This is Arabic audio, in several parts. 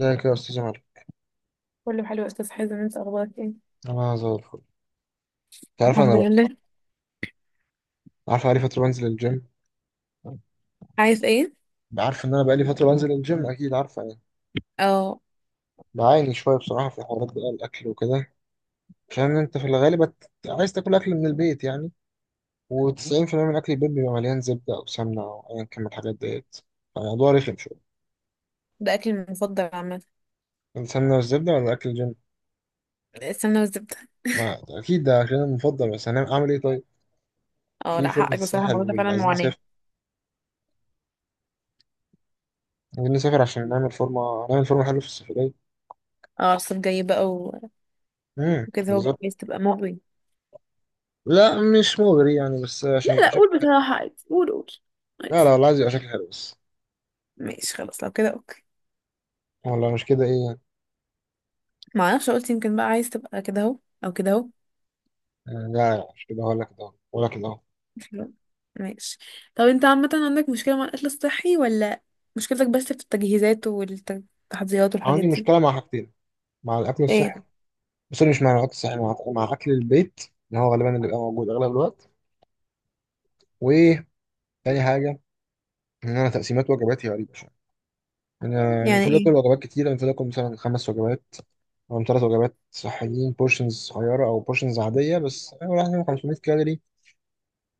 ازيك يا استاذ عمر؟ كله حلو يا استاذ حازم، انت اخبارك ايه؟ انا زي الفل. انت عارف انا الحمد بقى، لله. عارف بقالي فتره بنزل الجيم. عايز ايه؟ عارف ان انا بقالي فتره بنزل الجيم اكيد، عارفه يعني. اه. بعاني شويه بصراحه في حوارات بقى، الاكل وكده. عشان انت في الغالب عايز تاكل اكل من البيت يعني. و90% من اكل البيت بيبقى مليان زبده او سمنه او ايا كان من الحاجات ديت. فالموضوع رخم شويه. ده اكلي المفضل عامه. السمنه والزبده ولا اكل الجيم؟ السمنه والزبده. ما اكيد ده عشان المفضل، بس هنعمل اعمل ايه طيب؟ اه، في لا فورمه حقك بصراحه، الساحل، الموضوع ده فعلا وعايزين معاناه. نسافر. عايزين نسافر عشان نعمل فورمه، نعمل فورمه حلوه في السفريه. اه الصيف جاي بقى امم. وكده هو بقى عايز تبقى مغري؟ لا مش مغري يعني، بس عشان لا يبقى لا، شكل قول حلو. بصراحة، عادي، قول قول. لا لا عادي. والله عايز يبقى شكل حلو بس. ماشي خلاص، لو كده اوكي. والله مش كده، ايه يعني؟ ما اعرفش، قلت يمكن بقى عايز تبقى كده اهو. او كده اهو. آه، لا لا، مش كده هقول لك ده. هقول لك ده. ماشي. طب انت عامه، عندك مشكله مع الاكل الصحي ولا مشكلتك بس في التجهيزات والتحضيرات والحاجات عندي دي؟ مشكلة مع حاجتين، مع الأكل ايه؟ الصحي. بس مش مع الأكل الصحي، مع أكل البيت اللي هو غالبا اللي بيبقى موجود أغلب الوقت. وتاني حاجة، إن أنا تقسيمات وجباتي غريبة شوية. أنا يعني المفروض آكل ايه؟ وجبات كتيرة، المفروض آكل مثلا خمس وجبات أو ثلاث وجبات صحيين، بورشنز صغيرة أو بورشنز عادية، بس يعني 500 كالوري،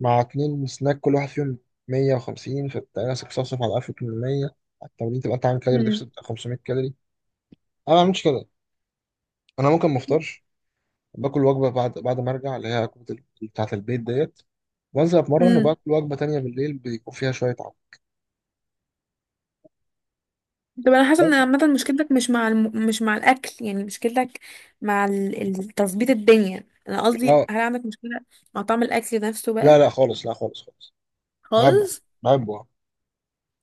مع اتنين سناك كل واحد فيهم 150. فانت راسك صفصف على 1800، على التمرين تبقى انت عامل كالوري ديفست بتاع 500 كالوري. انا ما بعملش كده. انا ممكن ما افطرش، باكل وجبه بعد ما ارجع، اللي هي وجبه بتاعه البيت ديت، وانزل اتمرن، امم. وباكل وجبه تانية بالليل بيكون فيها شويه عضل. طب انا حاسه ان دوت- عامه مشكلتك مش مع الاكل، يعني مشكلتك مع تظبيط الدنيا، انا قصدي اه، هل عندك مشكله مع طعم الاكل نفسه لا بقى؟ لا خالص، لا خالص خالص. بحبه. خالص. بحبه آه.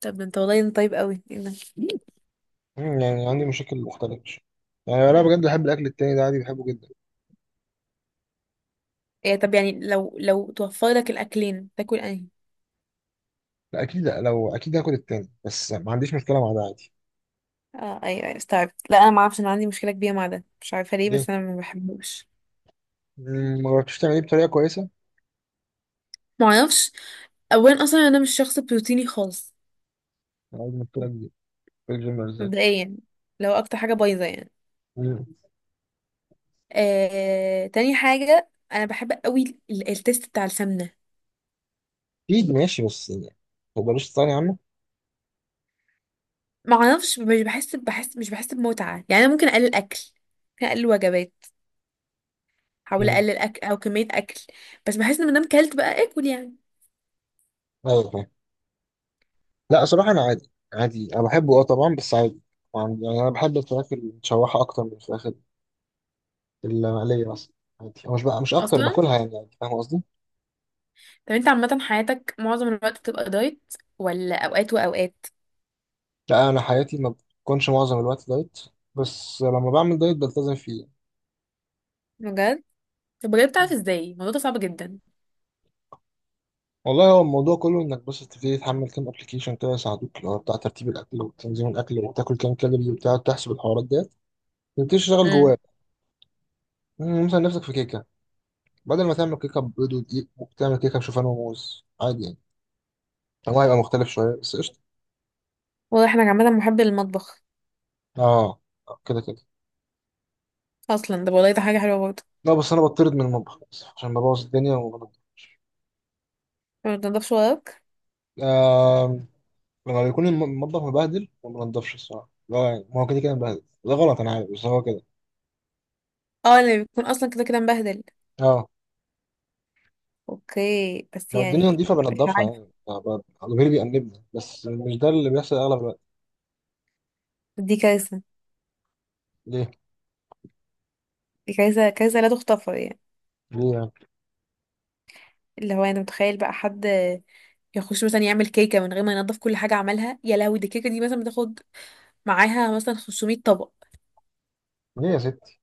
طب انت، والله انت طيب قوي، ايه ده؟ مم، يعني عندي مشاكل مختلفه. يعني انا بجد بحب الاكل التاني ده عادي، بحبه جدا. إيه طب، يعني لو توفر لك الاكلين تاكل انهي؟ لا اكيد، لا لو اكيد هاكل التاني، بس ما عنديش مشكله مع ده عادي. اه، ايوه ايوه استوعبت. لا انا ما اعرفش، انا عندي مشكله كبيره مع ده، مش عارفه ليه، ليه؟ بس انا ما بحبوش. مم، ما جربتش تعمليه بطريقه كويسه؟ ما اعرفش. اولا اصلا انا مش شخص بروتيني خالص. أنا عايز مشكلة كبيرة في الجيم بالذات. مبدئيا. لو اكتر حاجه بايظه يعني. مم. آه، تاني حاجة أنا بحب قوي التيست بتاع السمنة. أكيد ماشي بس يعني، هو ملوش ثاني عنه. معرفش، مش بحس مش بحس بمتعة، يعني أنا ممكن أقلل أكل. ممكن أقلل وجبات. أحاول مم. أقلل أكل أو كمية أكل. بس بحس إن مادام كلت بقى آكل يعني. أيوة فاهم. لا صراحة أنا عادي عادي، أنا بحبه أه طبعا، بس عادي. يعني أنا بحب الفراخ المتشوحة أكتر من الفراخ المقلية مثلا. عادي، أو مش بقى مش أكتر أصلا. باكلها يعني عادي، فاهم قصدي؟ طب أنت عامة حياتك معظم الوقت بتبقى دايت، ولا أوقات وأوقات؟ لا أنا حياتي ما بتكونش معظم الوقت دايت، بس لما بعمل دايت بلتزم فيه. بجد؟ طب بجد، بتعرف إزاي الموضوع ده صعب جدا؟ والله هو الموضوع كله انك بس تبتدي تحمل كام ابلكيشن كده يساعدوك، اللي هو بتاع ترتيب الاكل وتنظيم الاكل، وتاكل كام كالوري، وبتاع تحسب الحوارات ديت. تبتدي تشتغل جواه. امم. مم، مثلا نفسك في كيكة، بدل ما تعمل كيكة بيض ودقيق ممكن تعمل كيكة بشوفان وموز عادي يعني. هو هيبقى مختلف شوية بس قشطة. واضح إنك عامة محب للمطبخ. اه. آه، كده كده. أصلا ده، والله ده حاجة حلوة برضه. لا بس أنا بطرد من المطبخ للأسف، عشان ببوظ الدنيا وبنضف. ما بتنضفش وراك؟ آه. لما بيكون المطبخ مبهدل ما بنضفش الصراحة، لا يعني، ما هو كده كده مبهدل. ده غلط أنا عارف، بس هو كده. اه، اللي بيكون أصلا كده كده مبهدل. اه. اوكي بس لو الدنيا يعني. نضيفة مش بنضفها عارفة. يعني، آه، ضميري بيأنبني، بس مش ده اللي بيحصل أغلب الوقت. دي كارثة. ليه؟ دي كارثة كارثة لا تغتفر يعني. ليه يعني؟ اللي هو انا متخيل بقى حد يخش مثلا يعمل كيكة من غير ما ينضف كل حاجة عملها، يا لهوي، دي الكيكة دي مثلا بتاخد معاها مثلا 500 طبق. ليه يا ستي؟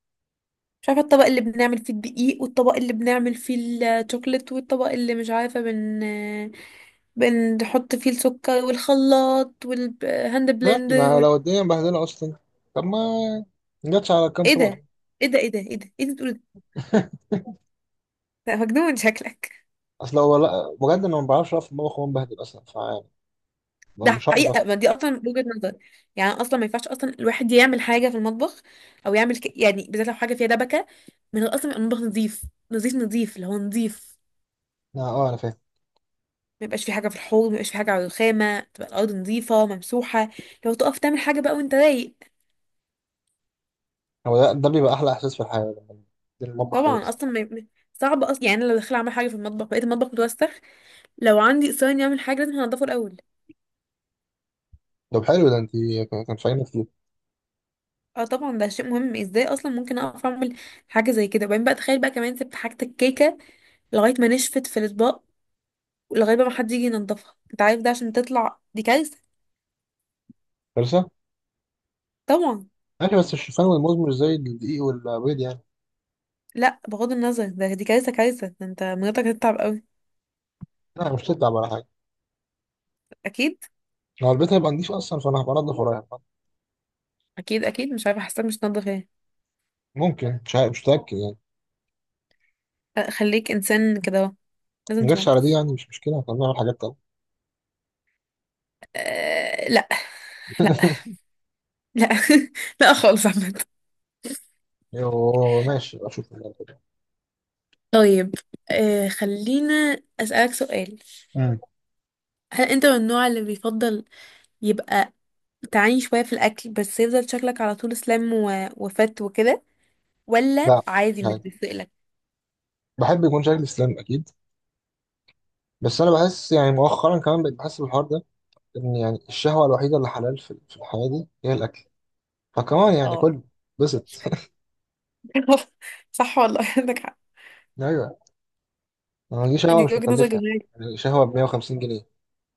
مش عارفة، الطبق اللي بنعمل فيه الدقيق، والطبق اللي بنعمل فيه الشوكليت، والطبق اللي مش عارفة بنحط فيه السكر، والخلاط والهاند ماشي، بلندر ما لو الدنيا مبهدلة أصلا. طب ما جاتش على كام ايه طبق؟ ده، ايه ده، ايه ده، ايه ده، ايه ده بتقول؟ ده مجنون شكلك. اصل هو لا بجد انا ما بعرفش اقف في المطبخ وانا بهدل اصلا، فيعني ده مش هعرف حقيقة، أصلا. ما دي أصلا وجهة نظر. يعني أصلا ما ينفعش أصلا الواحد يعمل حاجة في المطبخ أو يعمل يعني بالذات لو حاجة فيها دبكة، من الأصل يبقى المطبخ نظيف. نظيف نظيف، اللي هو نظيف. لا، اه انا فاهم. ما يبقاش في حاجة في الحوض، ما يبقاش في حاجة على الرخامة، تبقى الأرض نظيفة ممسوحة. لو تقف تعمل حاجة بقى وأنت رايق. هو ده، ده بيبقى احلى احساس في الحياه لما تنزل المطبخ رايق. طبعا أصلا صعب أصلا، يعني أنا لو داخلة أعمل حاجة في المطبخ بقيت المطبخ متوسخ. لو عندي إصرار إني أعمل حاجة لازم هنضفه الأول. طب حلو ده، انت كان فاهمه كتير. اه طبعا، ده شيء مهم، ازاي اصلا ممكن اقف اعمل حاجه زي كده، وبعدين بقى تخيل بقى كمان سبت حاجه الكيكه لغايه ما نشفت في الاطباق، لغايه بقى ما حد يجي ينضفها، انت عارف ده عشان تطلع دي كارثه. لسه. طبعا. ماشي، بس الشوفان والموز مش زي الدقيق والبيض يعني. لا بغض النظر، ده دي كارثه كارثه، ده انت مراتك هتتعب قوي. لا مش تتعب ولا حاجه. اكيد. لو البيت هيبقى نضيف اصلا فانا هبقى انضف ورايح. اكيد اكيد، مش عارفه حاسه مش تنضف ايه. ممكن، مش عارف، مش متاكد يعني. لا، خليك انسان كده اهو. لازم ما جاتش على دي تنضف. يعني، مش مشكله، احنا بنعمل حاجات تانيه. أه، لا. لا. لا. لا خالص عامه. يو ماشي، أبقى اشوف. طيب. أه، خلينا اسالك سؤال. امم. هل انت من النوع اللي بيفضل يبقى تعاني شويه في الاكل، بس يفضل شكلك على طول سلام وفت وكده، ولا لا، عادي مش يعني بيفرقلك؟ بحب يكون شكلي سليم اكيد. بس انا بحس يعني مؤخرا كمان بقيت بحس بالحوار ده، ان يعني الشهوه الوحيده اللي حلال في في الحياه دي هي الاكل. فكمان يعني اه. كل بسط. صح والله عندك حق. ايوه. ما دي دي شهوه مش وجهة نظر مكلفه. جميلة. يعني شهوه ب 150 جنيه،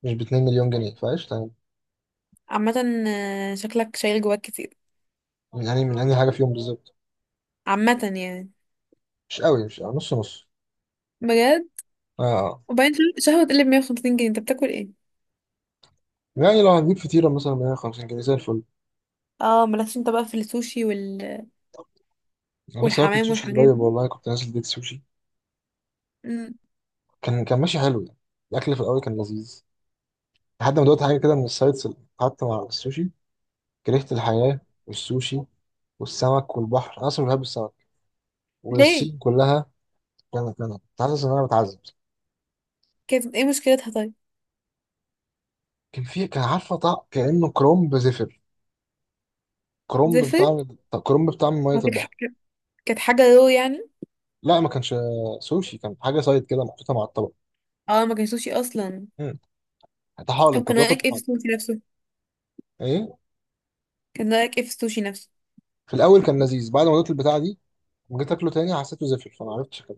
مش ب 2 مليون جنيه، فقشطه يعني. عامة، آه، شكلك شايل جواك كتير. من انهي حاجه فيهم بالظبط؟ عامة يعني. مش قوي، مش قوي. نص نص. بجد. اه. آه. وبعدين شهوة تقلب 150 جنيه انت بتاكل ايه؟ يعني لو هنجيب فطيره مثلا ب 150 جنيه زي الفل. اه، مالكش انت بقى في السوشي انا لسه واكل والحمام سوشي والحاجات قريب دي. والله، كنت نازل بيت سوشي. مم. كان ماشي حلو يعني. الاكل في الاول كان لذيذ، لحد ما دوت حاجه كده من السايتس اللي قعدت مع السوشي. كرهت الحياه والسوشي والسمك والبحر، انا اصلا بحب السمك ليه؟ والصين كلها. كان كان كنت حاسس ان انا بتعذب. كانت ايه مشكلتها طيب؟ كان عارفه طعم كانه كرومب زفر. كرومب زفت؟ بطعم، طب كرومب بطعم ميه ما كانت ح- البحر. كانت حاجة رو يعني؟ لا ما كانش سوشي، كان حاجه سايد كده محطوطه مع الطبق. اه ما كانش سوشي اصلا. امم. طحالب، طب كنت كان باكل رأيك ايه في طحالب. السوشي نفسه؟ ايه. كان رأيك ايه في السوشي نفسه؟ في الاول كان لذيذ، بعد ما دوت البتاع دي لما جيت اكله تاني حسيته زفر، فما عرفتش كده.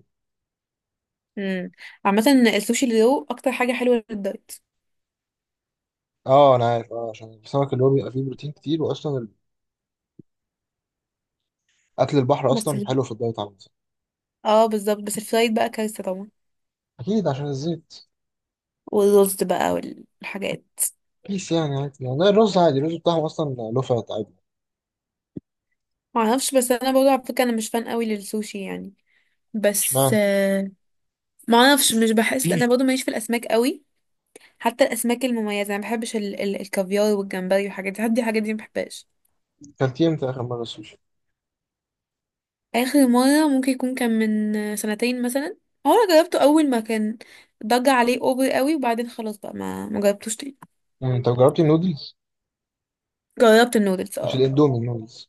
امم. عامة، السوشي اللي رو اكتر حاجة حلوة للدايت. اه انا عارف، اه عشان السمك اللي هو بيبقى فيه بروتين كتير، واصلا اكل البحر بس اصلا حلو في الدايت على الانسان. اه بالظبط، بس الفرايد بقى كارثة طبعا. اكيد عشان الزيت. والرز بقى والحاجات. بيس يعني عادي يعني، ده الرز عادي، الرز بتاعهم اصلا له فات عادي. معرفش، بس انا برضه على فكره انا مش فان قوي للسوشي يعني. بس اشمعنى؟ معرفش مش بحس، انا برضه ماليش في الاسماك قوي. حتى الاسماك المميزه انا ما بحبش الكافيار والجمبري والحاجات دي، حد الحاجات دي ما بحبهاش. كلتيه امتى اخر مره سوشي؟ اخر مره ممكن يكون كان من سنتين مثلا. هو انا جربته اول ما كان ضج عليه اوفر قوي، وبعدين خلاص بقى ما جربتوش تاني. امم. طب جربتي النودلز؟ جربت النودلز مش اه. الاندومي، النودلز.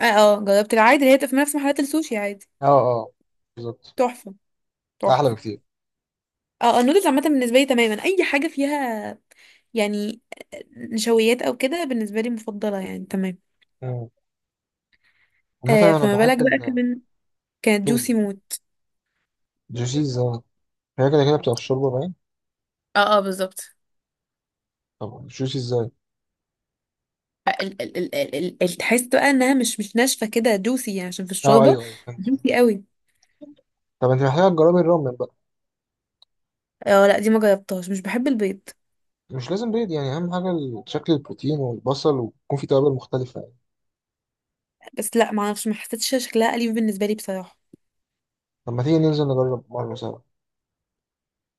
اه. جربت العادي اللي هي بتبقى في نفس محلات السوشي عادي. اه اه بالظبط. تحفه. احلى تحفه. بكتير. اه، النودلز عامة بالنسبة لي تماما أي حاجة فيها، يعني، نشويات أو كده بالنسبة لي مفضلة يعني تمام. مم. عامة انا فما بالك بحب بقى كمان كانت الشوربة. جوسي موت. الجوشيز اه، هي كده كده بتبقى في الشوربة باين. اه اه بالظبط. طب السوشي ازاي؟ تحس بقى إنها مش ناشفة كده، جوسي يعني عشان في اه الشوربة. ايوه ايوه، فهمت فهمت. جوسي قوي. طب انت محتاجة تجربي الرامن بقى. اه لا، دي ما جربتهاش، مش بحب البيض. مش لازم بيض يعني، اهم حاجة شكل البروتين والبصل، ويكون في توابل مختلفة يعني. بس لا معرفش، ما حسيتش شكلها أليف بالنسبة لي بصراحة. طب ما تيجي ننزل نجرب مرة سوا؟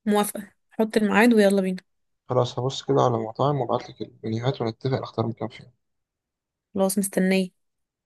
موافقة، حط الميعاد ويلا بينا. خلاص هبص كده على مطاعم وابعتلك المنيوهات ونتفق نختار مكان فين. خلاص مستنية.